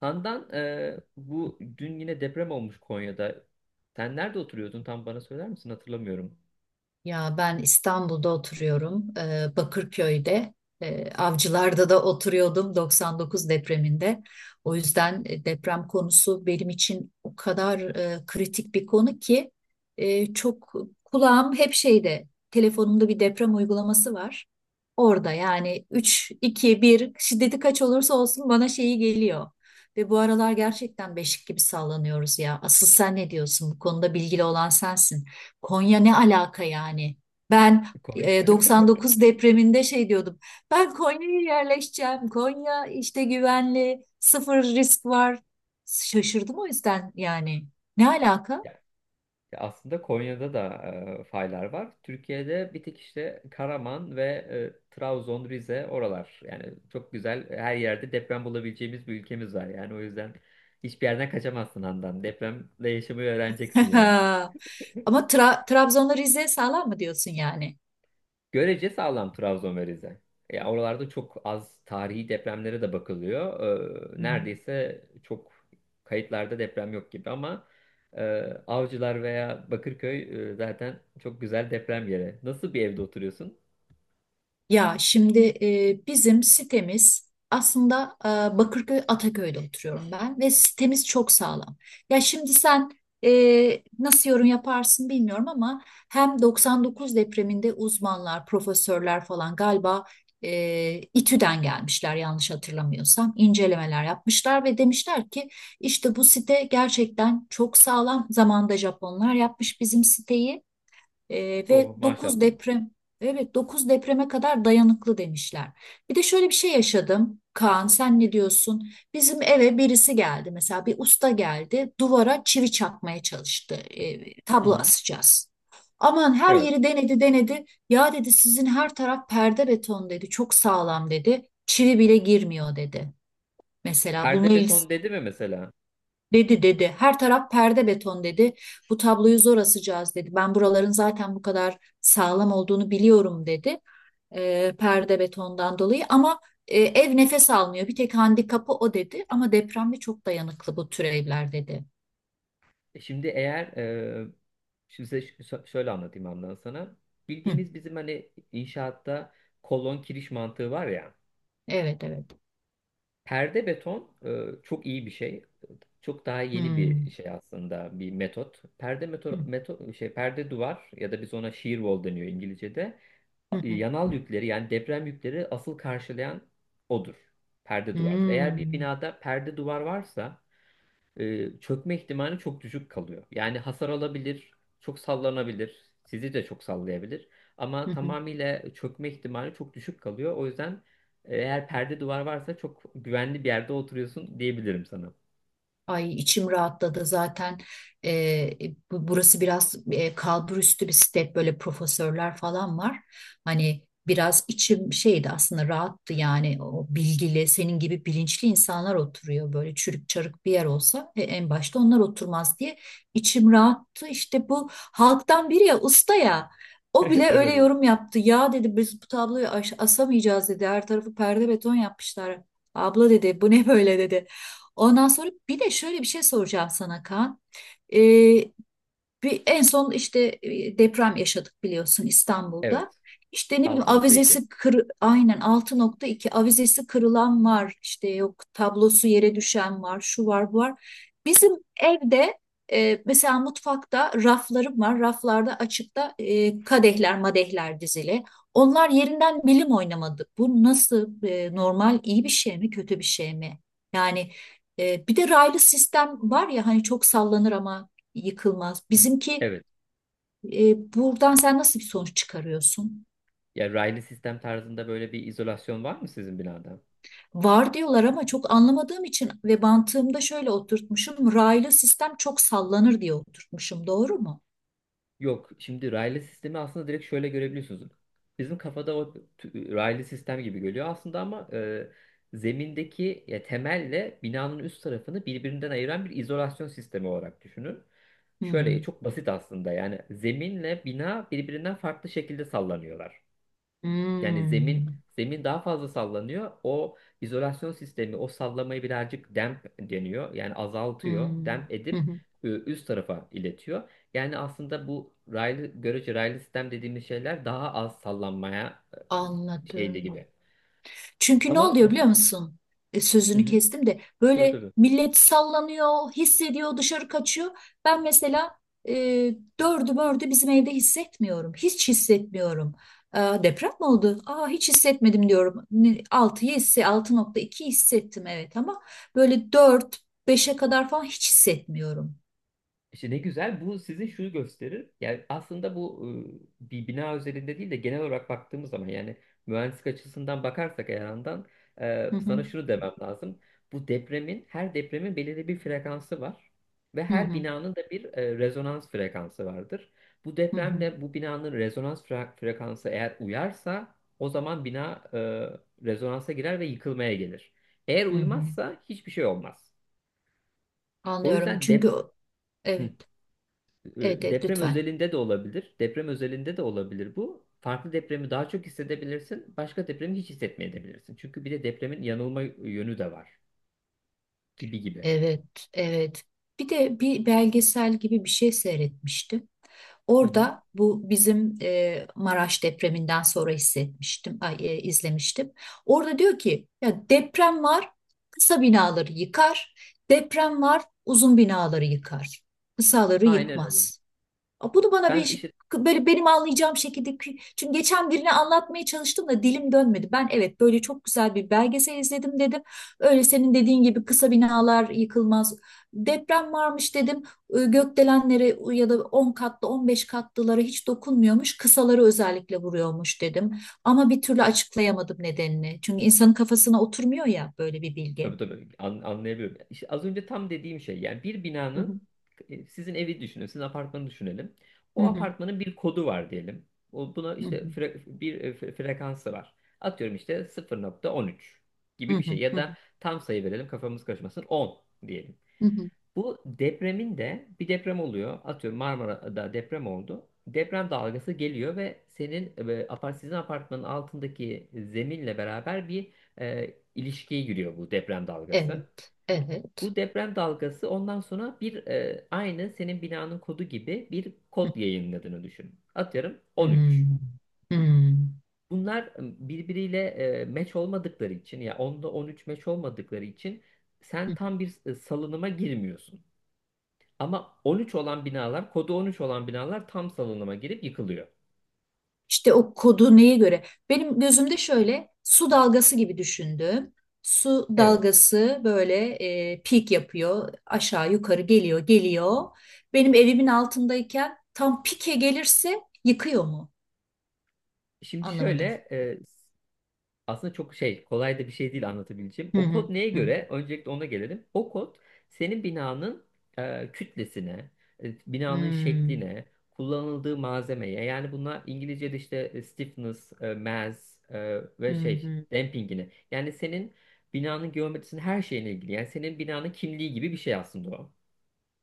Handan, bu dün yine deprem olmuş Konya'da. Sen nerede oturuyordun, tam bana söyler misin? Hatırlamıyorum. Ya ben İstanbul'da oturuyorum, Bakırköy'de, Avcılar'da da oturuyordum 99 depreminde. O yüzden deprem konusu benim için o kadar kritik bir konu ki çok kulağım hep şeyde, telefonumda bir deprem uygulaması var. Orada yani 3 2, bir şiddeti kaç olursa olsun bana şeyi geliyor. Ve bu aralar gerçekten beşik gibi sallanıyoruz ya. Asıl sen ne diyorsun? Bu konuda bilgili olan sensin. Konya ne alaka yani? Ben Konya. 99 depreminde şey diyordum. Ben Konya'ya yerleşeceğim. Konya işte güvenli, sıfır risk var. Şaşırdım o yüzden yani. Ne alaka? Ya, ya aslında Konya'da da faylar var. Türkiye'de bir tek işte Karaman ve Trabzon, Rize oralar. Yani çok güzel, her yerde deprem bulabileceğimiz bir ülkemiz var. Yani o yüzden hiçbir yerden kaçamazsın Handan. Depremle yaşamayı öğreneceksin yani. Ama Trabzon'la Rize sağlam mı diyorsun yani? Görece sağlam Trabzon ve Rize. Ya oralarda çok az tarihi depremlere de bakılıyor. Hı hı. Neredeyse çok kayıtlarda deprem yok gibi ama e, Avcılar veya Bakırköy, zaten çok güzel deprem yeri. Nasıl bir evde oturuyorsun? Ya şimdi bizim sitemiz aslında Bakırköy Ataköy'de oturuyorum ben ve sitemiz çok sağlam. Ya şimdi sen nasıl yorum yaparsın bilmiyorum ama hem 99 depreminde uzmanlar, profesörler falan galiba İTÜ'den gelmişler, yanlış hatırlamıyorsam incelemeler yapmışlar ve demişler ki işte bu site gerçekten çok sağlam. Zamanında Japonlar yapmış bizim siteyi. Ve Oh, 9 maşallah. deprem, evet, 9 depreme kadar dayanıklı demişler. Bir de şöyle bir şey yaşadım. Kaan sen ne diyorsun? Bizim eve birisi geldi, mesela bir usta geldi duvara çivi çakmaya çalıştı. Hı Tablo hı. asacağız. Aman her Evet. yeri denedi denedi. Ya dedi, sizin her taraf perde beton dedi. Çok sağlam dedi. Çivi bile girmiyor dedi. Mesela bununla Perde il- beton dedi mi mesela? Dedi dedi. Her taraf perde beton dedi. Bu tabloyu zor asacağız dedi. Ben buraların zaten bu kadar sağlam olduğunu biliyorum dedi. Perde betondan dolayı ama ev nefes almıyor. Bir tek handikapı o dedi. Ama depremde çok dayanıklı bu tür evler dedi. Şimdi eğer şimdi size şöyle anlatayım, Andan, sana. Hı, Bildiğimiz bizim hani inşaatta kolon kiriş mantığı var ya. evet evet. Perde beton çok iyi bir şey. Çok daha yeni Hmm. bir şey aslında, bir metot. Perde Hı, meto, meto şey perde duvar, ya da biz ona shear wall deniyor İngilizce'de. hı, hı. Yanal yükleri, yani deprem yükleri asıl karşılayan odur. Perde duvardır. Eğer bir Hmm. binada perde duvar varsa çökme ihtimali çok düşük kalıyor. Yani hasar alabilir, çok sallanabilir, sizi de çok sallayabilir. Ama Hı, hı. tamamıyla çökme ihtimali çok düşük kalıyor. O yüzden eğer perde duvar varsa çok güvenli bir yerde oturuyorsun diyebilirim sana. Ay, içim rahatladı zaten. Ee, burası biraz kalburüstü bir step, böyle profesörler falan var. Hani biraz içim şeydi aslında, rahattı yani, o bilgili senin gibi bilinçli insanlar oturuyor, böyle çürük çarık bir yer olsa en başta onlar oturmaz diye içim rahattı. İşte bu halktan biri, ya usta ya, o Evet. bile öyle Evet. yorum yaptı. Ya dedi biz bu tabloyu asamayacağız dedi, her tarafı perde beton yapmışlar. Abla dedi bu ne böyle dedi. Ondan sonra bir de şöyle bir şey soracağım sana Kaan. Ee, Bir, en son işte deprem yaşadık biliyorsun İstanbul'da. Evet. İşte ne bileyim, 6.2. Aynen, 6.2 avizesi kırılan var. İşte yok, tablosu yere düşen var, şu var, bu var. Bizim evde mesela mutfakta raflarım var. Raflarda açıkta kadehler, madehler dizili. Onlar yerinden milim oynamadı. Bu nasıl, normal, iyi bir şey mi, kötü bir şey mi? Yani bir de raylı sistem var ya hani, çok sallanır ama yıkılmaz. Hı. Bizimki, Evet. Buradan sen nasıl bir sonuç çıkarıyorsun? Ya raylı sistem tarzında böyle bir izolasyon var mı sizin binada? Var diyorlar ama çok anlamadığım için ve mantığımda şöyle oturtmuşum. Raylı sistem çok sallanır diye oturtmuşum. Doğru mu? Yok, şimdi raylı sistemi aslında direkt şöyle görebiliyorsunuz. Bizim kafada raylı sistem gibi geliyor aslında ama zemindeki ya, temelle binanın üst tarafını birbirinden ayıran bir izolasyon sistemi olarak düşünün. Hı hı. Şöyle çok basit aslında, yani zeminle bina birbirinden farklı şekilde sallanıyorlar. Yani zemin Hmm. zemin daha fazla sallanıyor. O izolasyon sistemi o sallamayı birazcık damp deniyor. Yani azaltıyor. Hmm. Damp Hı edip hı. Üst tarafa iletiyor. Yani aslında bu raylı, görece raylı sistem dediğimiz şeyler daha az sallanmaya şeyli Anladım. gibi. Çünkü ne Ama oluyor biliyor mesela musun? Hı Sözünü hı, kestim de, tabii böyle tabii. millet sallanıyor, hissediyor, dışarı kaçıyor. Ben mesela e, dördü mördü bizim evde hissetmiyorum. Hiç hissetmiyorum. Aa, deprem mi oldu? Aa, hiç hissetmedim diyorum. 6'yı 6.2 hissettim, evet, ama böyle 4, beşe kadar falan hiç hissetmiyorum. İşte ne güzel, bu sizin şunu gösterir. Yani aslında bu bir bina özelinde değil de genel olarak baktığımız zaman, yani mühendislik açısından bakarsak eğer yandan Hı hı, sana şunu demem lazım. Bu depremin, her depremin belirli bir frekansı var ve hı her hı, binanın da bir rezonans frekansı vardır. Bu hı hı, depremle bu binanın rezonans frekansı eğer uyarsa o zaman bina rezonansa girer ve yıkılmaya gelir. Eğer hı hı. uymazsa hiçbir şey olmaz. O Anlıyorum yüzden çünkü dep. Hı. evet, evet, evet Deprem lütfen. özelinde de olabilir. Deprem özelinde de olabilir bu. Farklı depremi daha çok hissedebilirsin. Başka depremi hiç hissetmeyebilirsin. Çünkü bir de depremin yanılma yönü de var. Gibi gibi. Evet, evet. Bir de bir belgesel gibi bir şey seyretmiştim. Hı hı. Orada, bu bizim Maraş depreminden sonra hissetmiştim, ay, izlemiştim. Orada diyor ki, ya deprem var, kısa binaları yıkar. Deprem var, uzun binaları yıkar. Kısaları Aynen öyle. yıkmaz. Bunu bana Ben bir işte böyle benim anlayacağım şekilde, çünkü geçen birine anlatmaya çalıştım da dilim dönmedi. Ben evet, böyle çok güzel bir belgesel izledim dedim. Öyle senin dediğin gibi kısa binalar yıkılmaz. Deprem varmış dedim. Gökdelenlere ya da 10 katlı 15 katlılara hiç dokunmuyormuş. Kısaları özellikle vuruyormuş dedim. Ama bir türlü açıklayamadım nedenini. Çünkü insanın kafasına oturmuyor ya böyle bir tabii bilgi. tabii anlayabiliyorum. İşte az önce tam dediğim şey, yani bir Hı hı, binanın, sizin evi düşünün, sizin apartmanı düşünelim. hı O hı, apartmanın bir kodu var diyelim. O, buna hı işte hı, bir frekansı var. Atıyorum işte 0.13 hı gibi bir şey, hı, ya hı hı, da tam sayı verelim kafamız karışmasın, 10 diyelim. hı hı. Bu depremin de bir deprem oluyor. Atıyorum Marmara'da deprem oldu. Deprem dalgası geliyor ve senin e, apart sizin apartmanın altındaki zeminle beraber bir ilişkiye giriyor bu deprem dalgası. Evet, evet. Bu deprem dalgası ondan sonra bir aynı senin binanın kodu gibi bir kod yayınladığını düşün. Atıyorum 13. Hmm. Hmm. Bunlar birbiriyle match olmadıkları için, ya 10'da 13 match olmadıkları için sen tam bir salınıma girmiyorsun. Ama 13 olan binalar, kodu 13 olan binalar tam salınıma girip yıkılıyor. İşte o kodu neye göre? Benim gözümde şöyle su dalgası gibi düşündüm. Su Evet. dalgası böyle peak yapıyor. Aşağı yukarı geliyor geliyor. Benim evimin altındayken tam pike gelirse yıkıyor mu? Şimdi Anlamadım. şöyle, e, aslında çok şey, kolay da bir şey değil anlatabileceğim. Hı O hı. kod neye Hı hı. göre? Öncelikle ona gelelim. O kod senin binanın kütlesine, binanın Hmm, şekline, kullanıldığı malzemeye, yani bunlar İngilizce'de işte stiffness, mass hı ve şey hı. dampingine. Yani senin binanın geometrisinin her şeyine ilgili. Yani senin binanın kimliği gibi bir şey aslında o.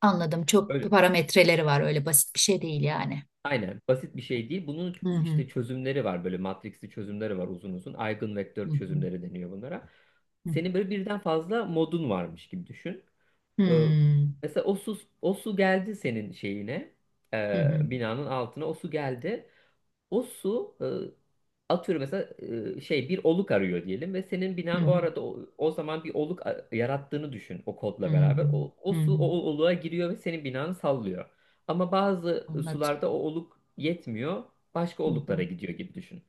Anladım. Çok Öyle. parametreleri var. Öyle basit bir şey değil yani. Aynen basit bir şey değil. Bunun Hı hı. işte çözümleri var, böyle matrixli çözümleri var uzun uzun. Hı Eigenvektör hı. çözümleri deniyor bunlara. Hı hı. Senin böyle birden fazla modun varmış gibi düşün. Ee, Hmm, mesela o su, o su geldi senin şeyine, hı hı. binanın altına o su geldi. O su atıyorum mesela şey bir oluk arıyor diyelim ve senin Hı binan o hı. arada o zaman bir yarattığını düşün o Hı kodla hı. beraber. O Hı su hı. o oluğa giriyor ve senin binanı sallıyor. Ama bazı Anladım. sularda o oluk yetmiyor, başka Hı oluklara hı. gidiyor gibi düşün.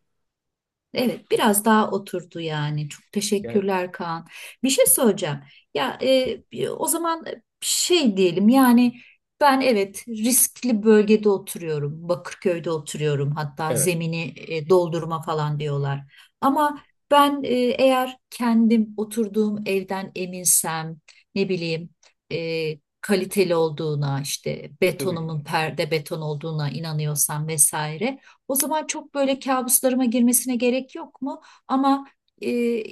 Evet, biraz daha oturdu yani. Çok Yani teşekkürler Kaan. Bir şey söyleyeceğim. Ya o zaman şey diyelim yani, ben evet riskli bölgede oturuyorum. Bakırköy'de oturuyorum. Hatta evet, zemini doldurma falan diyorlar. Ama ben, eğer kendim oturduğum evden eminsem, ne bileyim, kaliteli olduğuna, işte tabii ki betonumun de. perde beton olduğuna inanıyorsam vesaire. O zaman çok böyle kabuslarıma girmesine gerek yok mu? Ama, e,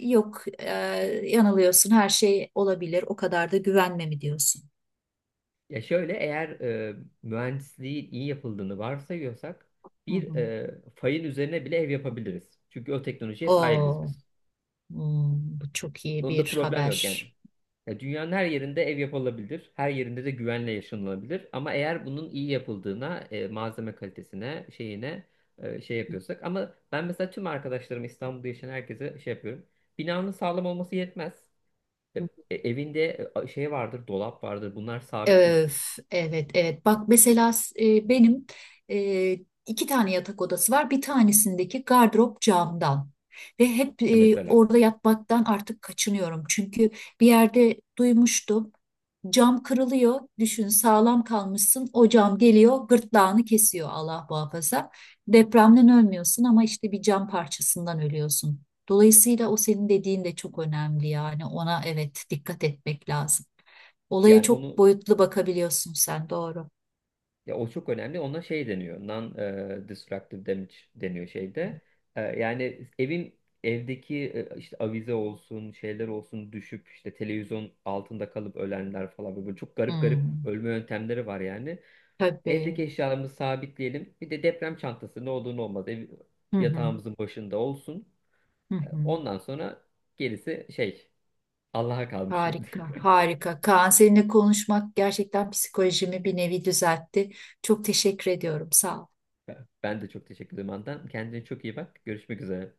yok, yanılıyorsun, her şey olabilir, o kadar da güvenme mi diyorsun? Ya şöyle, eğer mühendisliğin iyi yapıldığını varsayıyorsak Hı bir hı. Fayın üzerine bile ev yapabiliriz. Çünkü o teknolojiye sahibiz Oo, biz. hmm, bu çok iyi Onda bir problem yok yani. haber. Ya dünyanın her yerinde ev yapılabilir. Her yerinde de güvenle yaşanılabilir. Ama eğer bunun iyi yapıldığına, malzeme kalitesine, şeyine şey yapıyorsak. Ama ben mesela tüm arkadaşlarım, İstanbul'da yaşayan herkese şey yapıyorum. Binanın sağlam olması yetmez. E, evinde şey vardır, dolap vardır. Bunlar sabit mi? Öf, evet evet, bak mesela benim e, iki tane yatak odası var, bir tanesindeki gardırop camdan ve hep Mesela. orada yatmaktan artık kaçınıyorum çünkü bir yerde duymuştum, cam kırılıyor, düşün sağlam kalmışsın, o cam geliyor gırtlağını kesiyor, Allah muhafaza, depremden ölmüyorsun ama işte bir cam parçasından ölüyorsun. Dolayısıyla o senin dediğin de çok önemli yani, ona evet, dikkat etmek lazım. Olaya Yani çok onu, boyutlu bakabiliyorsun sen, doğru. ya o çok önemli. Ona şey deniyor. Non-destructive damage deniyor şeyde. Yani evdeki işte avize olsun, şeyler olsun düşüp işte televizyon altında kalıp ölenler falan, böyle çok garip garip Hmm, ölme yöntemleri var yani. tabii. Evdeki eşyalarımızı sabitleyelim. Bir de deprem çantası, ne olur ne olmaz, ev Hı hı, yatağımızın başında olsun. hı hı. Ondan sonra gerisi şey, Allah'a kalmış şimdi. Harika, harika. Kaan, seninle konuşmak gerçekten psikolojimi bir nevi düzeltti. Çok teşekkür ediyorum. Sağ ol. Ben de çok teşekkür ederim Andan. Kendine çok iyi bak. Görüşmek üzere.